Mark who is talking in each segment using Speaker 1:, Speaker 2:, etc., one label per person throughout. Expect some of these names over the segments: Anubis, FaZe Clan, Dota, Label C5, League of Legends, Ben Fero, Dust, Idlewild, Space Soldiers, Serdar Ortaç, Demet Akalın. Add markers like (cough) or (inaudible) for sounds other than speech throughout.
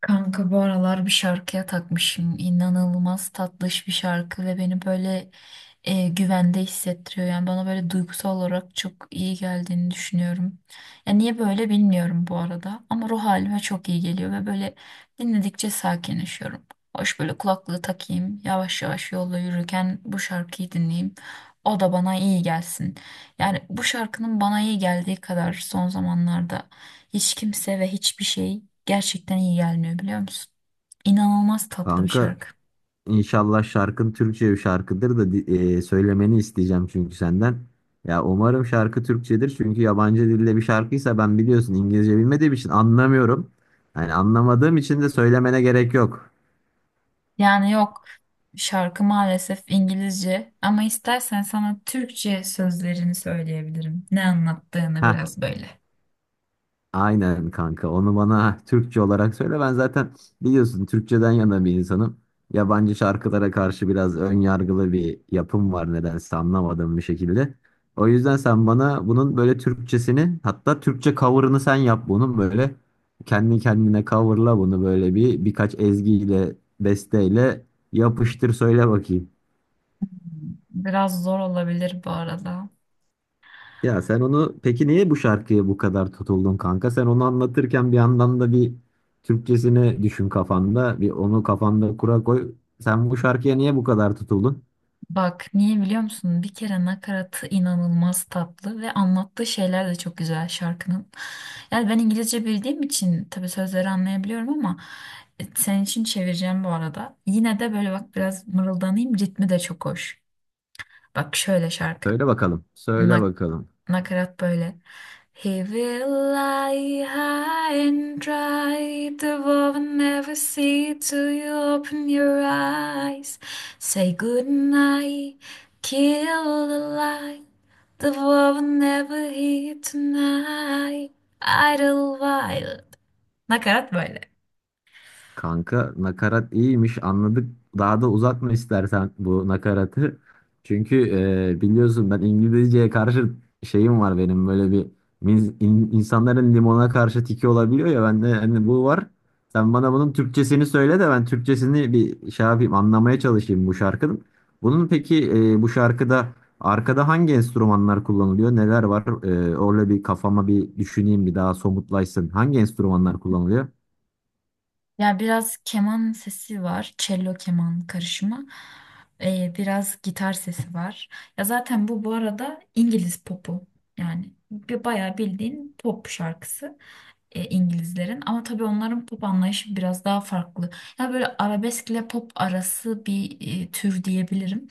Speaker 1: Kanka bu aralar bir şarkıya takmışım. İnanılmaz tatlış bir şarkı ve beni böyle güvende hissettiriyor. Yani bana böyle duygusal olarak çok iyi geldiğini düşünüyorum. Ya niye böyle bilmiyorum bu arada ama ruh halime çok iyi geliyor ve böyle dinledikçe sakinleşiyorum. Hoş böyle kulaklığı takayım, yavaş yavaş yolda yürürken bu şarkıyı dinleyeyim. O da bana iyi gelsin. Yani bu şarkının bana iyi geldiği kadar son zamanlarda hiç kimse ve hiçbir şey gerçekten iyi gelmiyor biliyor musun? İnanılmaz tatlı bir
Speaker 2: Kanka,
Speaker 1: şarkı.
Speaker 2: inşallah şarkın Türkçe bir şarkıdır da söylemeni isteyeceğim çünkü senden. Ya umarım şarkı Türkçedir, çünkü yabancı dilde bir şarkıysa ben biliyorsun İngilizce bilmediğim için anlamıyorum. Yani anlamadığım için de söylemene gerek yok.
Speaker 1: Yani yok, şarkı maalesef İngilizce ama istersen sana Türkçe sözlerini söyleyebilirim. Ne anlattığını
Speaker 2: Heh.
Speaker 1: biraz böyle.
Speaker 2: Aynen kanka. Onu bana (laughs) Türkçe olarak söyle. Ben zaten biliyorsun Türkçeden yana bir insanım. Yabancı şarkılara karşı biraz ön yargılı bir yapım var nedense, anlamadığım bir şekilde. O yüzden sen bana bunun böyle Türkçesini, hatta Türkçe cover'ını sen yap bunun, böyle kendi kendine coverla bunu, böyle bir birkaç ezgiyle, besteyle yapıştır söyle bakayım.
Speaker 1: Biraz zor olabilir bu arada.
Speaker 2: Ya sen onu peki niye bu şarkıya bu kadar tutuldun kanka? Sen onu anlatırken bir yandan da bir Türkçesini düşün kafanda. Bir onu kafanda kura koy. Sen bu şarkıya niye bu kadar tutuldun?
Speaker 1: Bak niye biliyor musun? Bir kere nakaratı inanılmaz tatlı ve anlattığı şeyler de çok güzel şarkının. Yani ben İngilizce bildiğim için tabii sözleri anlayabiliyorum ama senin için çevireceğim bu arada. Yine de böyle bak biraz mırıldanayım, ritmi de çok hoş. Bak şöyle şarkı.
Speaker 2: Söyle bakalım. Söyle bakalım.
Speaker 1: Nakarat böyle. He will lie high and dry. The world will never see till you open your eyes. Say good night, kill the light. The world will never hear tonight. Idlewild. Nakarat böyle.
Speaker 2: Kanka, nakarat iyiymiş, anladık. Daha da uzatma istersen bu nakaratı. Çünkü biliyorsun ben İngilizceye karşı şeyim var benim, böyle bir insanların limona karşı tiki olabiliyor ya, bende hani bu var. Sen bana bunun Türkçesini söyle de ben Türkçesini bir şey yapayım, anlamaya çalışayım bu şarkının. Bunun peki bu şarkıda arkada hangi enstrümanlar kullanılıyor? Neler var? Orada bir kafama bir düşüneyim, bir daha somutlaşsın. Hangi enstrümanlar kullanılıyor?
Speaker 1: Ya biraz keman sesi var. Cello keman karışımı. Biraz gitar sesi var. Ya zaten bu arada İngiliz popu. Yani bir bayağı bildiğin pop şarkısı İngilizlerin. Ama tabii onların pop anlayışı biraz daha farklı. Ya böyle arabesk ile pop arası bir tür diyebilirim.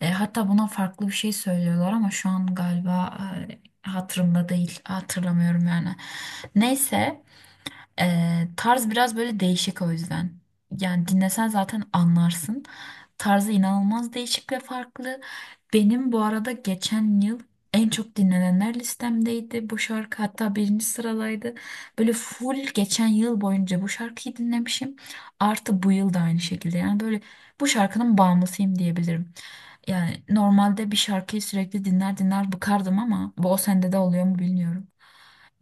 Speaker 1: Hatta buna farklı bir şey söylüyorlar ama şu an galiba hatırımda değil. Hatırlamıyorum yani. Neyse. Tarz biraz böyle değişik o yüzden. Yani dinlesen zaten anlarsın. Tarzı inanılmaz değişik ve farklı. Benim bu arada geçen yıl en çok dinlenenler listemdeydi bu şarkı. Hatta birinci sıradaydı. Böyle full geçen yıl boyunca bu şarkıyı dinlemişim. Artı bu yıl da aynı şekilde. Yani böyle bu şarkının bağımlısıyım diyebilirim. Yani normalde bir şarkıyı sürekli dinler dinler bıkardım ama bu, o sende de oluyor mu bilmiyorum.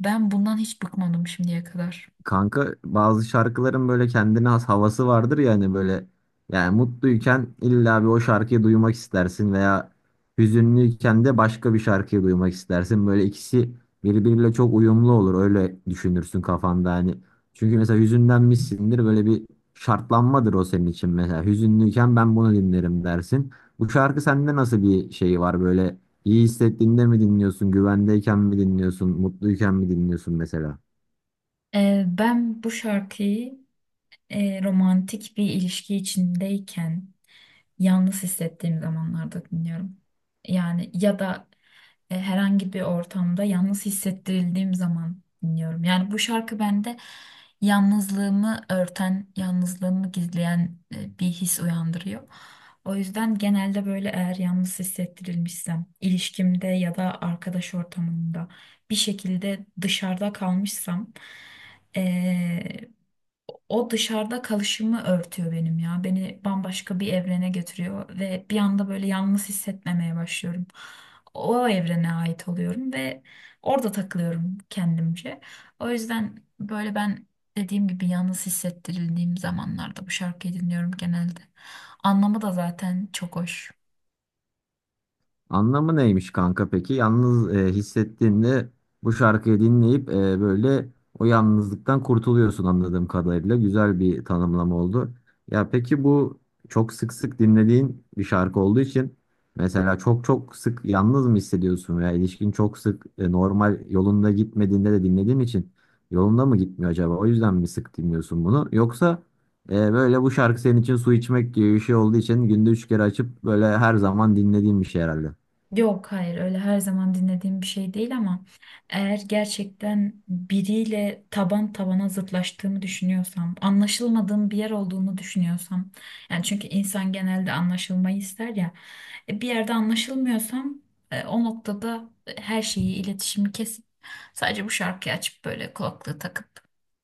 Speaker 1: Ben bundan hiç bıkmadım şimdiye kadar.
Speaker 2: Kanka, bazı şarkıların böyle kendine has havası vardır ya, hani böyle yani mutluyken illa bir o şarkıyı duymak istersin, veya hüzünlüyken de başka bir şarkıyı duymak istersin. Böyle ikisi birbiriyle çok uyumlu olur, öyle düşünürsün kafanda hani. Çünkü mesela hüzünlenmişsindir, böyle bir şartlanmadır o senin için mesela. Hüzünlüyken ben bunu dinlerim dersin. Bu şarkı sende nasıl bir şey var, böyle iyi hissettiğinde mi dinliyorsun, güvendeyken mi dinliyorsun, mutluyken mi dinliyorsun mesela?
Speaker 1: Ben bu şarkıyı romantik bir ilişki içindeyken yalnız hissettiğim zamanlarda dinliyorum. Yani ya da herhangi bir ortamda yalnız hissettirildiğim zaman dinliyorum. Yani bu şarkı bende yalnızlığımı örten, yalnızlığımı gizleyen bir his uyandırıyor. O yüzden genelde böyle eğer yalnız hissettirilmişsem, ilişkimde ya da arkadaş ortamında bir şekilde dışarıda kalmışsam, e, o dışarıda kalışımı örtüyor benim ya. Beni bambaşka bir evrene götürüyor ve bir anda böyle yalnız hissetmemeye başlıyorum. O evrene ait oluyorum ve orada takılıyorum kendimce. O yüzden böyle ben, dediğim gibi, yalnız hissettirildiğim zamanlarda bu şarkıyı dinliyorum genelde. Anlamı da zaten çok hoş.
Speaker 2: Anlamı neymiş kanka peki? Yalnız hissettiğinde bu şarkıyı dinleyip böyle o yalnızlıktan kurtuluyorsun anladığım kadarıyla. Güzel bir tanımlama oldu. Ya peki bu çok sık sık dinlediğin bir şarkı olduğu için mesela çok çok sık yalnız mı hissediyorsun, veya ilişkin çok sık normal yolunda gitmediğinde de dinlediğin için yolunda mı gitmiyor acaba? O yüzden mi sık dinliyorsun bunu? Yoksa böyle bu şarkı senin için su içmek gibi bir şey olduğu için günde üç kere açıp böyle her zaman dinlediğim bir şey herhalde.
Speaker 1: Yok, hayır, öyle her zaman dinlediğim bir şey değil ama eğer gerçekten biriyle taban tabana zıtlaştığımı düşünüyorsam, anlaşılmadığım bir yer olduğunu düşünüyorsam, yani çünkü insan genelde anlaşılmayı ister ya, bir yerde anlaşılmıyorsam o noktada her şeyi, iletişimi kesip sadece bu şarkıyı açıp böyle kulaklığı takıp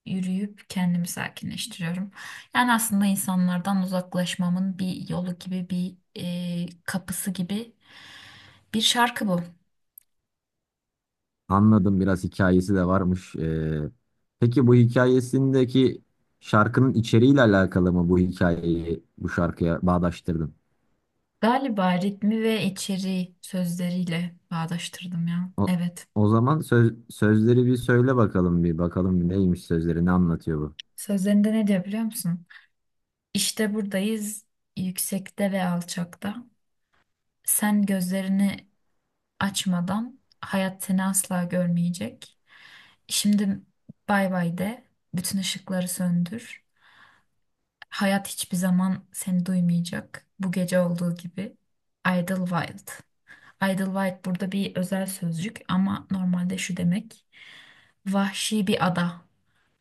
Speaker 1: yürüyüp kendimi sakinleştiriyorum. Yani aslında insanlardan uzaklaşmamın bir yolu gibi, bir kapısı gibi bir şarkı bu.
Speaker 2: Anladım, biraz hikayesi de varmış. Peki bu hikayesindeki şarkının içeriğiyle alakalı mı, bu hikayeyi bu şarkıya bağdaştırdın?
Speaker 1: Galiba ritmi ve içeriği sözleriyle bağdaştırdım ya.
Speaker 2: O,
Speaker 1: Evet.
Speaker 2: o zaman sözleri bir söyle bakalım, bir bakalım bir neymiş sözleri, ne anlatıyor bu?
Speaker 1: Sözlerinde ne diyor biliyor musun? İşte buradayız, yüksekte ve alçakta. Sen gözlerini açmadan hayat seni asla görmeyecek. Şimdi bay bay de, bütün ışıkları söndür. Hayat hiçbir zaman seni duymayacak. Bu gece olduğu gibi. Idlewild. Idlewild burada bir özel sözcük ama normalde şu demek. Vahşi bir ada.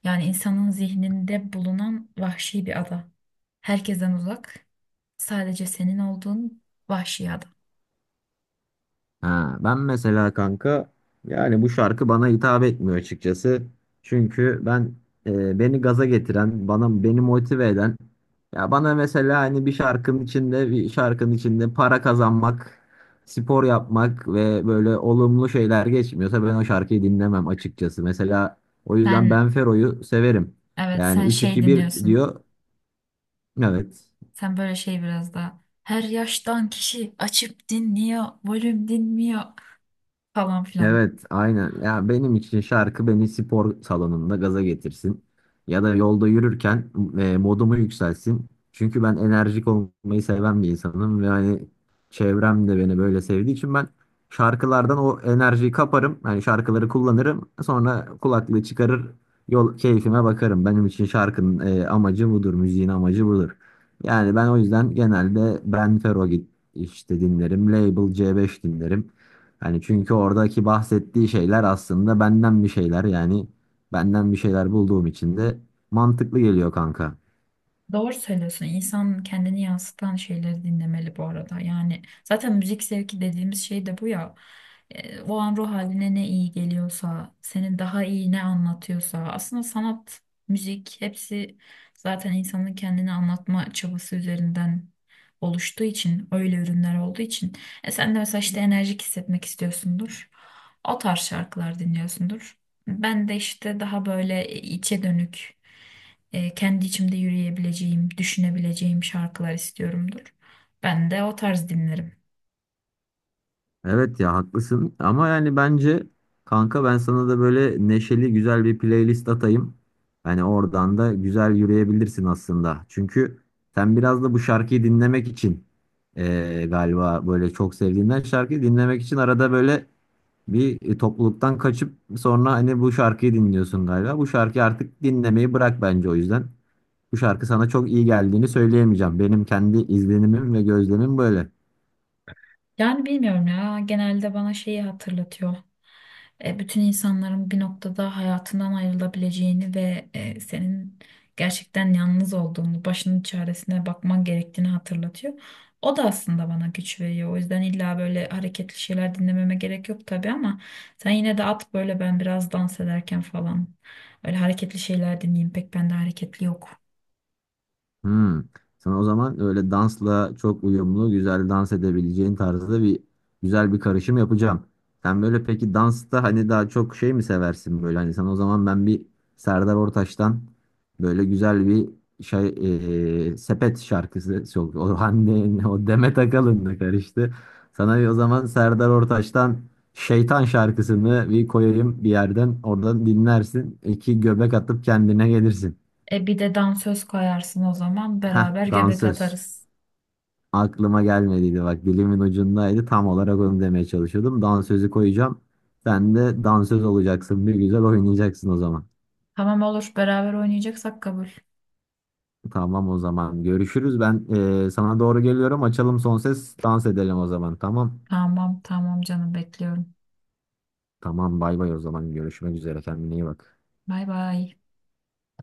Speaker 1: Yani insanın zihninde bulunan vahşi bir ada. Herkesten uzak. Sadece senin olduğun vahşi ada.
Speaker 2: Ha, ben mesela kanka, yani bu şarkı bana hitap etmiyor açıkçası. Çünkü ben beni gaza getiren, bana beni motive eden, ya bana mesela hani bir şarkının içinde para kazanmak, spor yapmak ve böyle olumlu şeyler geçmiyorsa ben o şarkıyı dinlemem açıkçası. Mesela o yüzden
Speaker 1: Sen,
Speaker 2: Ben Fero'yu severim.
Speaker 1: evet,
Speaker 2: Yani
Speaker 1: sen
Speaker 2: üç
Speaker 1: şey
Speaker 2: iki bir
Speaker 1: dinliyorsun.
Speaker 2: diyor. Evet.
Speaker 1: Sen böyle şey biraz daha. Her yaştan kişi açıp dinliyor, volüm dinmiyor falan filan.
Speaker 2: Evet, aynen. Ya benim için şarkı beni spor salonunda gaza getirsin. Ya da yolda yürürken modumu yükselsin. Çünkü ben enerjik olmayı seven bir insanım ve hani çevrem de beni böyle sevdiği için ben şarkılardan o enerjiyi kaparım. Hani şarkıları kullanırım. Sonra kulaklığı çıkarır, yol keyfime bakarım. Benim için şarkının amacı budur, müziğin amacı budur. Yani ben o yüzden genelde Ben Fero git işte dinlerim, Label C5 dinlerim. Yani çünkü oradaki bahsettiği şeyler aslında benden bir şeyler bulduğum için de mantıklı geliyor kanka.
Speaker 1: Doğru söylüyorsun. İnsan kendini yansıtan şeyleri dinlemeli bu arada. Yani zaten müzik zevki dediğimiz şey de bu ya. O an ruh haline ne iyi geliyorsa, senin daha iyi ne anlatıyorsa. Aslında sanat, müzik, hepsi zaten insanın kendini anlatma çabası üzerinden oluştuğu için, öyle ürünler olduğu için. E sen de mesela işte enerjik hissetmek istiyorsundur. O tarz şarkılar dinliyorsundur. Ben de işte daha böyle içe dönük, kendi içimde yürüyebileceğim, düşünebileceğim şarkılar istiyorumdur. Ben de o tarz dinlerim.
Speaker 2: Evet ya, haklısın, ama yani bence kanka ben sana da böyle neşeli güzel bir playlist atayım. Hani oradan da güzel yürüyebilirsin aslında. Çünkü sen biraz da bu şarkıyı dinlemek için galiba böyle çok sevdiğinden şarkıyı dinlemek için arada böyle bir topluluktan kaçıp sonra hani bu şarkıyı dinliyorsun galiba. Bu şarkıyı artık dinlemeyi bırak bence, o yüzden. Bu şarkı sana çok iyi geldiğini söyleyemeyeceğim. Benim kendi izlenimim ve gözlemim böyle.
Speaker 1: Yani bilmiyorum ya, genelde bana şeyi hatırlatıyor. Bütün insanların bir noktada hayatından ayrılabileceğini ve senin gerçekten yalnız olduğunu, başının çaresine bakman gerektiğini hatırlatıyor. O da aslında bana güç veriyor. O yüzden illa böyle hareketli şeyler dinlememe gerek yok tabii ama sen yine de at, böyle ben biraz dans ederken falan. Öyle hareketli şeyler dinleyeyim, pek bende hareketli yok.
Speaker 2: Hmm. Sana o zaman öyle dansla çok uyumlu, güzel dans edebileceğin tarzda bir güzel bir karışım yapacağım. Sen böyle peki dansta hani daha çok şey mi seversin böyle? Hani sana o zaman ben bir Serdar Ortaç'tan böyle güzel bir şey sepet şarkısı çok o (laughs) Hande o Demet Akalın'la karıştı. Sana bir o zaman Serdar Ortaç'tan Şeytan şarkısını bir koyayım bir yerden. Oradan dinlersin. İki göbek atıp kendine gelirsin.
Speaker 1: E bir de dansöz koyarsın o zaman,
Speaker 2: Heh,
Speaker 1: beraber göbek
Speaker 2: dansöz.
Speaker 1: atarız.
Speaker 2: Aklıma gelmediydi bak, dilimin ucundaydı, tam olarak onu demeye çalışıyordum. Dansözü koyacağım. Sen de dansöz olacaksın, bir güzel oynayacaksın o zaman.
Speaker 1: Tamam, olur. Beraber oynayacaksak kabul.
Speaker 2: Tamam, o zaman görüşürüz. Ben sana doğru geliyorum. Açalım son ses, dans edelim o zaman. Tamam.
Speaker 1: Tamam, tamam, canım, bekliyorum.
Speaker 2: Tamam, bay bay, o zaman görüşmek üzere, kendine iyi bak.
Speaker 1: Bay bay.